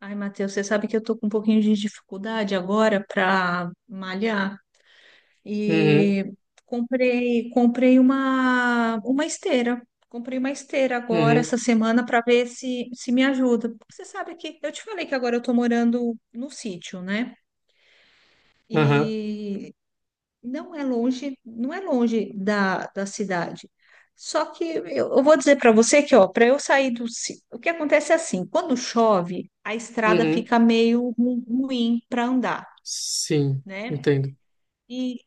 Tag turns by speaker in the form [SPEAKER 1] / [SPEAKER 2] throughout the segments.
[SPEAKER 1] Ai, Matheus, você sabe que eu tô com um pouquinho de dificuldade agora para malhar
[SPEAKER 2] Uhum,
[SPEAKER 1] e comprei uma esteira. Comprei uma esteira agora
[SPEAKER 2] uhum,
[SPEAKER 1] essa semana para ver se me ajuda. Porque você sabe que eu te falei que agora eu tô morando no sítio, né?
[SPEAKER 2] aham,
[SPEAKER 1] E não é longe, não é longe da cidade. Só que eu vou dizer para você que, ó, para eu sair do. Ci- O que acontece é assim, quando chove, a estrada
[SPEAKER 2] uhum,
[SPEAKER 1] fica meio ruim para andar,
[SPEAKER 2] sim,
[SPEAKER 1] né?
[SPEAKER 2] entendo.
[SPEAKER 1] E,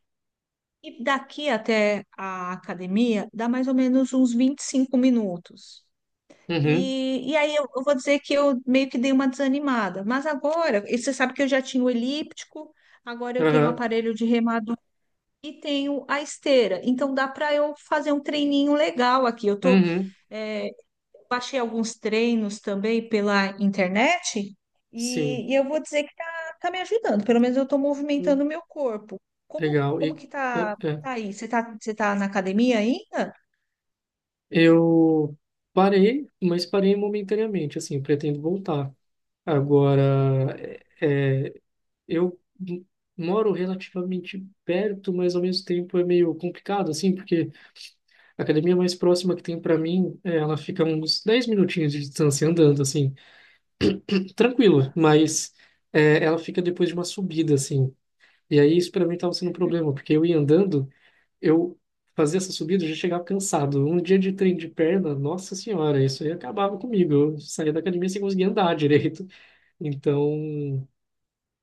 [SPEAKER 1] e daqui até a academia dá mais ou menos uns 25 minutos.
[SPEAKER 2] Uhum,
[SPEAKER 1] E aí eu vou dizer que eu meio que dei uma desanimada. Mas agora, e você sabe que eu já tinha o elíptico, agora eu tenho o
[SPEAKER 2] aham,
[SPEAKER 1] aparelho de e tenho a esteira. Então dá para eu fazer um treininho legal aqui. Eu tô,
[SPEAKER 2] uhum,
[SPEAKER 1] é, baixei alguns treinos também pela internet
[SPEAKER 2] sim,
[SPEAKER 1] e eu vou dizer que tá me ajudando. Pelo menos eu estou movimentando
[SPEAKER 2] le-
[SPEAKER 1] o meu corpo. Como,
[SPEAKER 2] legal.
[SPEAKER 1] como
[SPEAKER 2] E,
[SPEAKER 1] que
[SPEAKER 2] é,
[SPEAKER 1] tá,
[SPEAKER 2] é.
[SPEAKER 1] tá aí? Você tá na academia ainda?
[SPEAKER 2] Eu parei, mas parei momentaneamente, assim, pretendo voltar. Agora, é, é, eu m- moro relativamente perto, mas ao mesmo tempo é meio complicado, assim, porque a academia mais próxima que tem para mim, é, ela fica a uns 10 minutinhos de distância andando, assim, tranquila,
[SPEAKER 1] Tá.
[SPEAKER 2] mas é, ela fica depois de uma subida, assim. E aí isso para mim estava sendo um problema, porque eu ia andando, eu fazia essa subida, eu já chegava cansado. Um dia de trem de perna, nossa senhora, isso aí acabava comigo. Eu saía da academia sem conseguir andar direito. Então,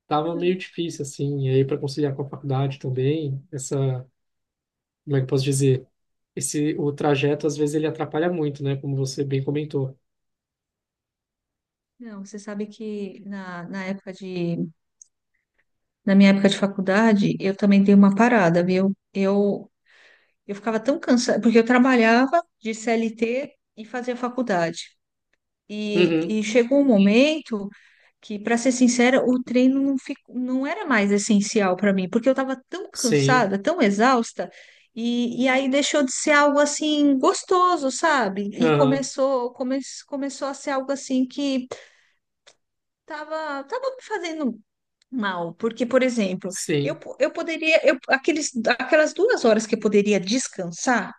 [SPEAKER 2] tava meio difícil, assim. E aí para conciliar com a faculdade também, essa, como é que eu posso dizer? Esse, o trajeto, às vezes, ele atrapalha muito, né? Como você bem comentou.
[SPEAKER 1] Não, você sabe que na minha época de faculdade, eu também dei uma parada, viu? Eu ficava tão cansada, porque eu trabalhava de CLT e fazia faculdade.
[SPEAKER 2] Uhum,
[SPEAKER 1] E chegou um momento que, para ser sincera, o treino não era mais essencial para mim, porque eu estava tão
[SPEAKER 2] sim,
[SPEAKER 1] cansada, tão exausta, e aí deixou de ser algo assim gostoso, sabe? E
[SPEAKER 2] aham,
[SPEAKER 1] começou a ser algo assim que tava me fazendo mal, porque, por exemplo, eu,
[SPEAKER 2] sim,
[SPEAKER 1] po- eu poderia, eu, aqueles, aquelas 2 horas que eu poderia descansar,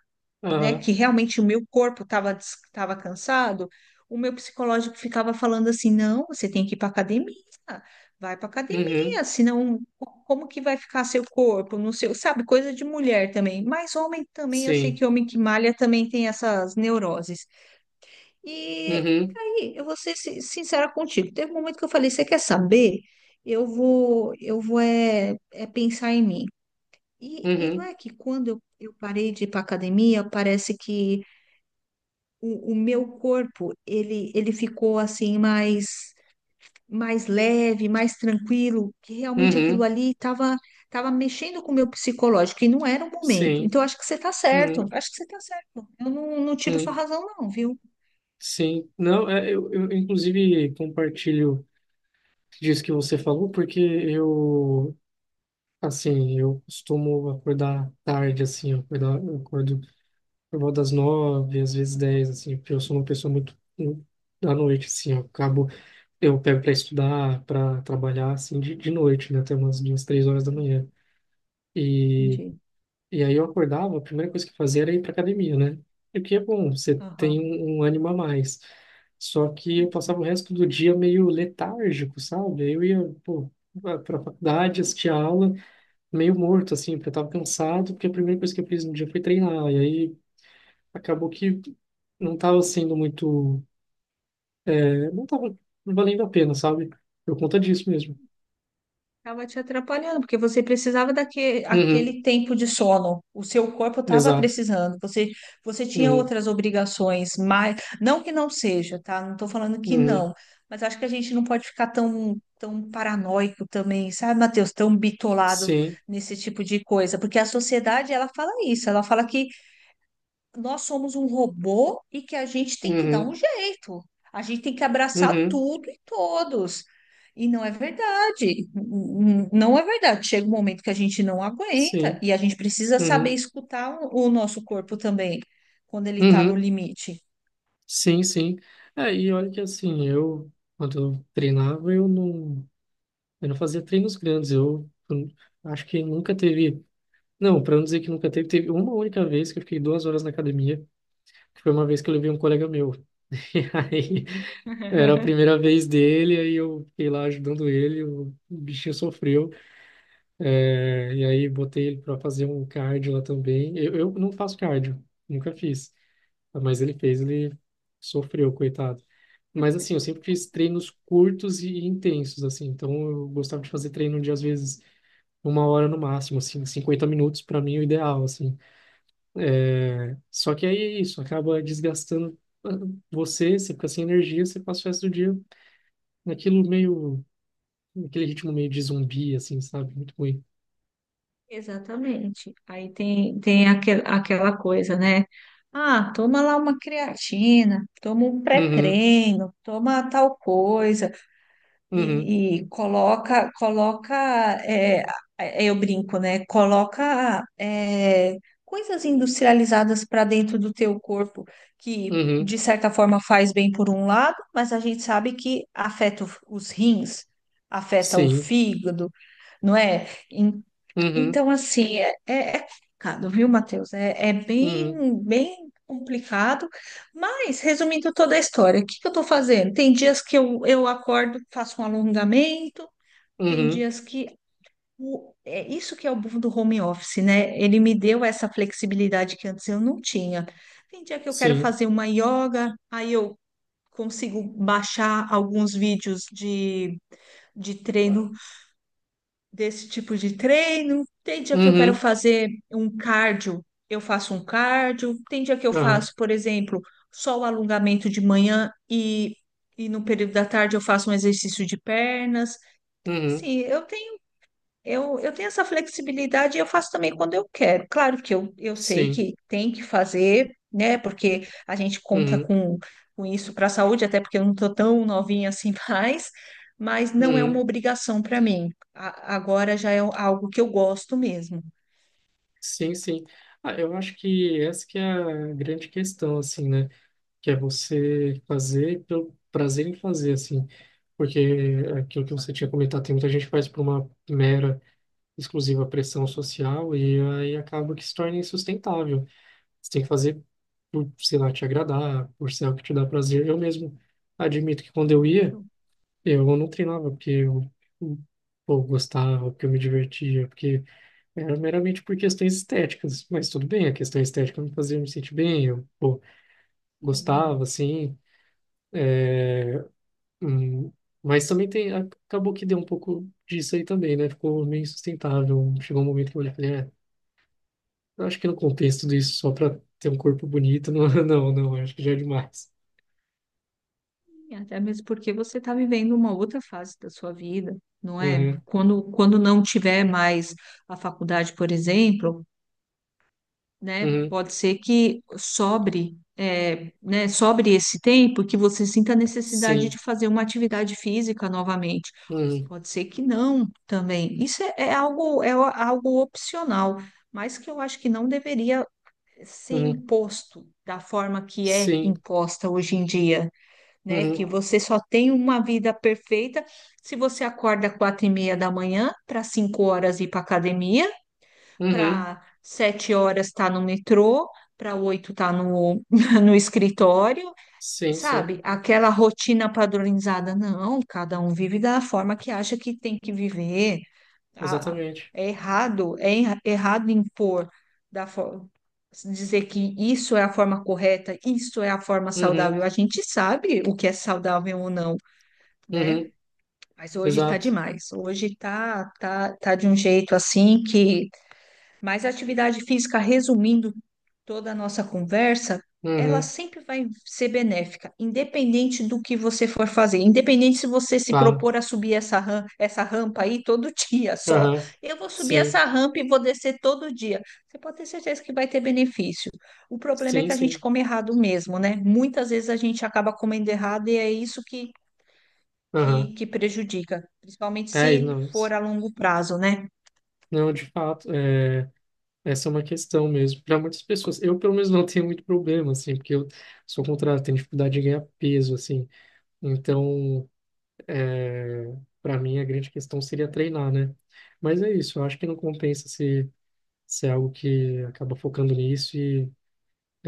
[SPEAKER 1] né,
[SPEAKER 2] aham,
[SPEAKER 1] que realmente o meu corpo estava cansado, o meu psicológico ficava falando assim: não, você tem que ir para academia, vai para
[SPEAKER 2] uhum.
[SPEAKER 1] academia, como que vai ficar seu corpo, não sei, sabe, coisa de mulher também. Mas homem também, eu sei
[SPEAKER 2] Sim.
[SPEAKER 1] que homem que malha também tem essas neuroses. E
[SPEAKER 2] Uhum,
[SPEAKER 1] aí, eu vou ser sincera contigo, teve um momento que eu falei: você quer saber? Eu vou pensar em mim. E não
[SPEAKER 2] uhum,
[SPEAKER 1] é que quando eu parei de ir para academia, parece que o meu corpo, ele ficou assim mais mais leve, mais tranquilo, que realmente aquilo
[SPEAKER 2] uhum,
[SPEAKER 1] ali estava tava mexendo com o meu psicológico e não era o momento.
[SPEAKER 2] sim.
[SPEAKER 1] Então, acho que você está certo,
[SPEAKER 2] Uhum,
[SPEAKER 1] acho que você está certo. Eu não, não tiro sua
[SPEAKER 2] uhum,
[SPEAKER 1] razão, não, viu?
[SPEAKER 2] sim. Não, é, eu, inclusive, compartilho disso que você falou, porque eu, assim, eu costumo acordar tarde, assim, eu acordo por volta das nove, às vezes dez, assim, porque eu sou uma pessoa muito muito da noite, assim, eu acabo, eu pego para estudar, para trabalhar, assim, de noite, né, até umas duas, três horas da manhã. e
[SPEAKER 1] Entendi.
[SPEAKER 2] E aí eu acordava, a primeira coisa que eu fazia era ir para academia, né? E o que é bom, você tem
[SPEAKER 1] Aham,
[SPEAKER 2] um ânimo a mais. Só que eu
[SPEAKER 1] entendi.
[SPEAKER 2] passava o resto do dia meio letárgico, sabe? Aí eu ia, pô, para faculdade, assistia aula, meio morto, assim, porque eu tava cansado, porque a primeira coisa que eu fiz no dia foi treinar. E aí acabou que não tava sendo muito, não tava valendo a pena, sabe? Por conta disso mesmo.
[SPEAKER 1] Estava te atrapalhando, porque você precisava daquele
[SPEAKER 2] Uhum,
[SPEAKER 1] aquele tempo de sono. O seu corpo estava
[SPEAKER 2] exato.
[SPEAKER 1] precisando. Você, você tinha
[SPEAKER 2] Uhum,
[SPEAKER 1] outras obrigações, mas não que não seja, tá? Não estou falando que
[SPEAKER 2] uhum,
[SPEAKER 1] não, mas acho que a gente não pode ficar tão paranoico também, sabe, Matheus? Tão bitolado
[SPEAKER 2] sim.
[SPEAKER 1] nesse tipo de coisa, porque a sociedade ela fala isso, ela fala que nós somos um robô e que a gente tem que dar um
[SPEAKER 2] Uhum,
[SPEAKER 1] jeito. A gente tem que abraçar
[SPEAKER 2] uhum,
[SPEAKER 1] tudo e todos. E não é verdade. Não é verdade. Chega um momento que a gente não aguenta
[SPEAKER 2] sim.
[SPEAKER 1] e a gente precisa saber
[SPEAKER 2] Uhum,
[SPEAKER 1] escutar o nosso corpo também, quando ele está no
[SPEAKER 2] uhum.
[SPEAKER 1] limite.
[SPEAKER 2] Sim, sim. É, e olha que assim, eu, quando eu treinava, eu não fazia treinos grandes. Eu acho que nunca teve. Não, para não dizer que nunca teve, teve uma única vez que eu fiquei 2 horas na academia, que foi uma vez que eu levei um colega meu. E aí, era a primeira vez dele, aí eu fiquei lá ajudando ele, o bichinho sofreu. É, e aí, botei ele para fazer um cardio lá também. Eu não faço cardio, nunca fiz. Mas ele fez, ele sofreu, coitado. Mas assim, eu sempre fiz treinos curtos e intensos, assim. Então eu gostava de fazer treino de às vezes uma hora no máximo, assim, 50 minutos para mim é o ideal, assim. Só que aí é isso, acaba desgastando ah, você fica sem energia, você passa o resto do dia naquilo meio, naquele ritmo meio de zumbi, assim, sabe? Muito ruim.
[SPEAKER 1] Exatamente. Aí tem aquela coisa, né? Ah, toma lá uma creatina, toma um
[SPEAKER 2] Uhum,
[SPEAKER 1] pré-treino, toma tal coisa.
[SPEAKER 2] uhum,
[SPEAKER 1] E coloca, coloca, é, é, é, eu brinco, né? Coloca, é, coisas industrializadas para dentro do teu corpo que,
[SPEAKER 2] uhum,
[SPEAKER 1] de certa forma, faz bem por um lado, mas a gente sabe que afeta os rins, afeta o
[SPEAKER 2] sim,
[SPEAKER 1] fígado, não é?
[SPEAKER 2] uhum,
[SPEAKER 1] Então, assim, é complicado, viu, Matheus? É, é
[SPEAKER 2] uhum,
[SPEAKER 1] bem, bem complicado. Mas, resumindo toda a história, o que que eu estou fazendo? Tem dias que eu acordo, faço um alongamento, tem
[SPEAKER 2] uhum,
[SPEAKER 1] dias que. É isso que é o bom do home office, né? Ele me deu essa flexibilidade que antes eu não tinha. Tem dia que eu quero
[SPEAKER 2] sim.
[SPEAKER 1] fazer uma yoga, aí eu consigo baixar alguns vídeos de treino desse tipo de treino. Tem dia que eu quero
[SPEAKER 2] Uhum,
[SPEAKER 1] fazer um cardio, eu faço um cardio. Tem dia que eu
[SPEAKER 2] aham,
[SPEAKER 1] faço, por exemplo, só o alongamento de manhã e no período da tarde eu faço um exercício de pernas.
[SPEAKER 2] uhum,
[SPEAKER 1] Sim, eu tenho essa flexibilidade e eu faço também quando eu quero. Claro que eu sei
[SPEAKER 2] sim.
[SPEAKER 1] que tem que fazer, né? Porque a gente conta
[SPEAKER 2] Uhum,
[SPEAKER 1] com isso para a saúde, até porque eu não estou tão novinha assim mais, mas não é uma
[SPEAKER 2] uhum.
[SPEAKER 1] obrigação para mim. Agora já é algo que eu gosto mesmo.
[SPEAKER 2] Sim, sim. Ah, eu acho que essa que é a grande questão, assim, né? Que é você fazer pelo prazer em fazer, assim. Porque aquilo que você tinha comentado, tem muita gente que faz por uma mera, exclusiva pressão social e aí acaba que se torna insustentável. Você tem que fazer por, sei lá, te agradar, por ser algo que te dá prazer. Eu mesmo admito que quando eu ia,
[SPEAKER 1] Claro,
[SPEAKER 2] eu não treinava porque eu, eu eu gostava, porque eu me divertia, porque era meramente por questões estéticas, mas tudo bem, a questão estética me fazia me sentir bem, eu, pô,
[SPEAKER 1] sim.
[SPEAKER 2] gostava, assim, hum, mas também tem, acabou que deu um pouco disso aí também, né? Ficou meio insustentável, chegou um momento que eu olhei e falei, é, eu acho que não compensa tudo isso só pra ter um corpo bonito, não, não, não, acho que já é demais.
[SPEAKER 1] E até mesmo porque você está vivendo uma outra fase da sua vida, não é?
[SPEAKER 2] Uhum,
[SPEAKER 1] Quando não tiver mais a faculdade, por exemplo, né?
[SPEAKER 2] uhum,
[SPEAKER 1] Pode ser que sobre, é, né, sobre esse tempo que você sinta a necessidade
[SPEAKER 2] sim,
[SPEAKER 1] de fazer uma atividade física novamente.
[SPEAKER 2] uhum,
[SPEAKER 1] Pode ser que não também. Isso é algo opcional, mas que eu acho que não deveria ser
[SPEAKER 2] uhum,
[SPEAKER 1] imposto da forma que é
[SPEAKER 2] sim,
[SPEAKER 1] imposta hoje em dia, né? Que
[SPEAKER 2] uhum,
[SPEAKER 1] você só tem uma vida perfeita se você acorda às 4:30 da manhã para 5 horas ir para academia,
[SPEAKER 2] uhum,
[SPEAKER 1] para 7 horas tá no metrô, para oito tá no, no escritório,
[SPEAKER 2] sim, sim,
[SPEAKER 1] sabe? Aquela rotina padronizada, não, cada um vive da forma que acha que tem que viver. A-
[SPEAKER 2] exatamente,
[SPEAKER 1] Errado impor da forma. Dizer que isso é a forma correta, isso é a forma
[SPEAKER 2] uhum,
[SPEAKER 1] saudável. A gente sabe o que é saudável ou não, né?
[SPEAKER 2] uhum,
[SPEAKER 1] Mas hoje tá
[SPEAKER 2] exato,
[SPEAKER 1] demais. Hoje tá de um jeito assim que mas a atividade física, resumindo toda a nossa conversa, ela
[SPEAKER 2] uhum,
[SPEAKER 1] sempre vai ser benéfica, independente do que você for fazer, independente se você se
[SPEAKER 2] claro,
[SPEAKER 1] propor a subir essa rampa aí todo dia só.
[SPEAKER 2] aham,
[SPEAKER 1] Eu vou subir
[SPEAKER 2] sim.
[SPEAKER 1] essa rampa e vou descer todo dia. Você pode ter certeza que vai ter benefício. O problema é
[SPEAKER 2] Sim,
[SPEAKER 1] que a gente
[SPEAKER 2] sim.
[SPEAKER 1] come errado mesmo, né? Muitas vezes a gente acaba comendo errado e é isso
[SPEAKER 2] Aham.
[SPEAKER 1] que prejudica, principalmente se
[SPEAKER 2] É, e não,
[SPEAKER 1] for a longo prazo, né?
[SPEAKER 2] não, de fato, é, essa é uma questão mesmo. Para muitas pessoas, eu pelo menos não tenho muito problema, assim, porque eu sou o contrário, tenho dificuldade de ganhar peso, assim. Então, para mim, a grande questão seria treinar, né? Mas é isso, eu acho que não compensa se, é algo que acaba focando nisso e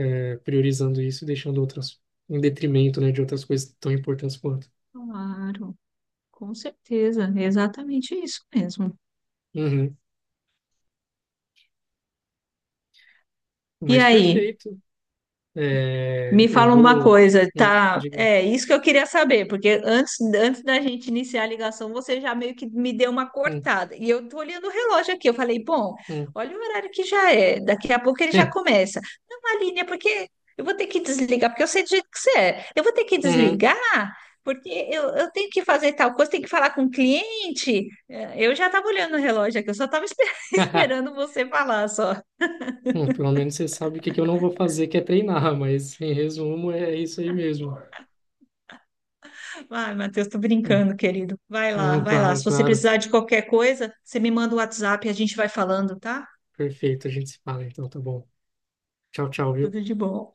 [SPEAKER 2] é, priorizando isso e deixando outras em detrimento, né, de outras coisas tão importantes quanto.
[SPEAKER 1] Claro. Com certeza, é exatamente isso mesmo.
[SPEAKER 2] Uhum.
[SPEAKER 1] E
[SPEAKER 2] Mas
[SPEAKER 1] aí,
[SPEAKER 2] perfeito. É,
[SPEAKER 1] me
[SPEAKER 2] eu
[SPEAKER 1] fala uma
[SPEAKER 2] vou.
[SPEAKER 1] coisa, tá?
[SPEAKER 2] Diga.
[SPEAKER 1] É isso que eu queria saber, porque antes, antes da gente iniciar a ligação, você já meio que me deu uma
[SPEAKER 2] Hum,
[SPEAKER 1] cortada. E eu tô olhando o relógio aqui, eu falei, bom,
[SPEAKER 2] hum.
[SPEAKER 1] olha o horário que já é, daqui a pouco ele já começa. Não, Aline, é porque eu vou ter que desligar, porque eu sei do jeito que você é. Eu vou ter que
[SPEAKER 2] Uhum.
[SPEAKER 1] desligar, porque eu tenho que fazer tal coisa, tenho que falar com o cliente. É, eu já estava olhando o relógio aqui, eu só estava esperando você falar só.
[SPEAKER 2] Hum, pelo menos você sabe o que que eu não vou fazer, que é treinar, mas em resumo é isso aí mesmo.
[SPEAKER 1] Vai, Matheus, tô
[SPEAKER 2] Hum,
[SPEAKER 1] brincando, querido. Vai lá,
[SPEAKER 2] Não,
[SPEAKER 1] vai lá.
[SPEAKER 2] claro,
[SPEAKER 1] Se você
[SPEAKER 2] claro.
[SPEAKER 1] precisar de qualquer coisa, você me manda o WhatsApp e a gente vai falando, tá?
[SPEAKER 2] Perfeito, a gente se fala então, tá bom. Tchau, tchau, viu?
[SPEAKER 1] Tudo de bom.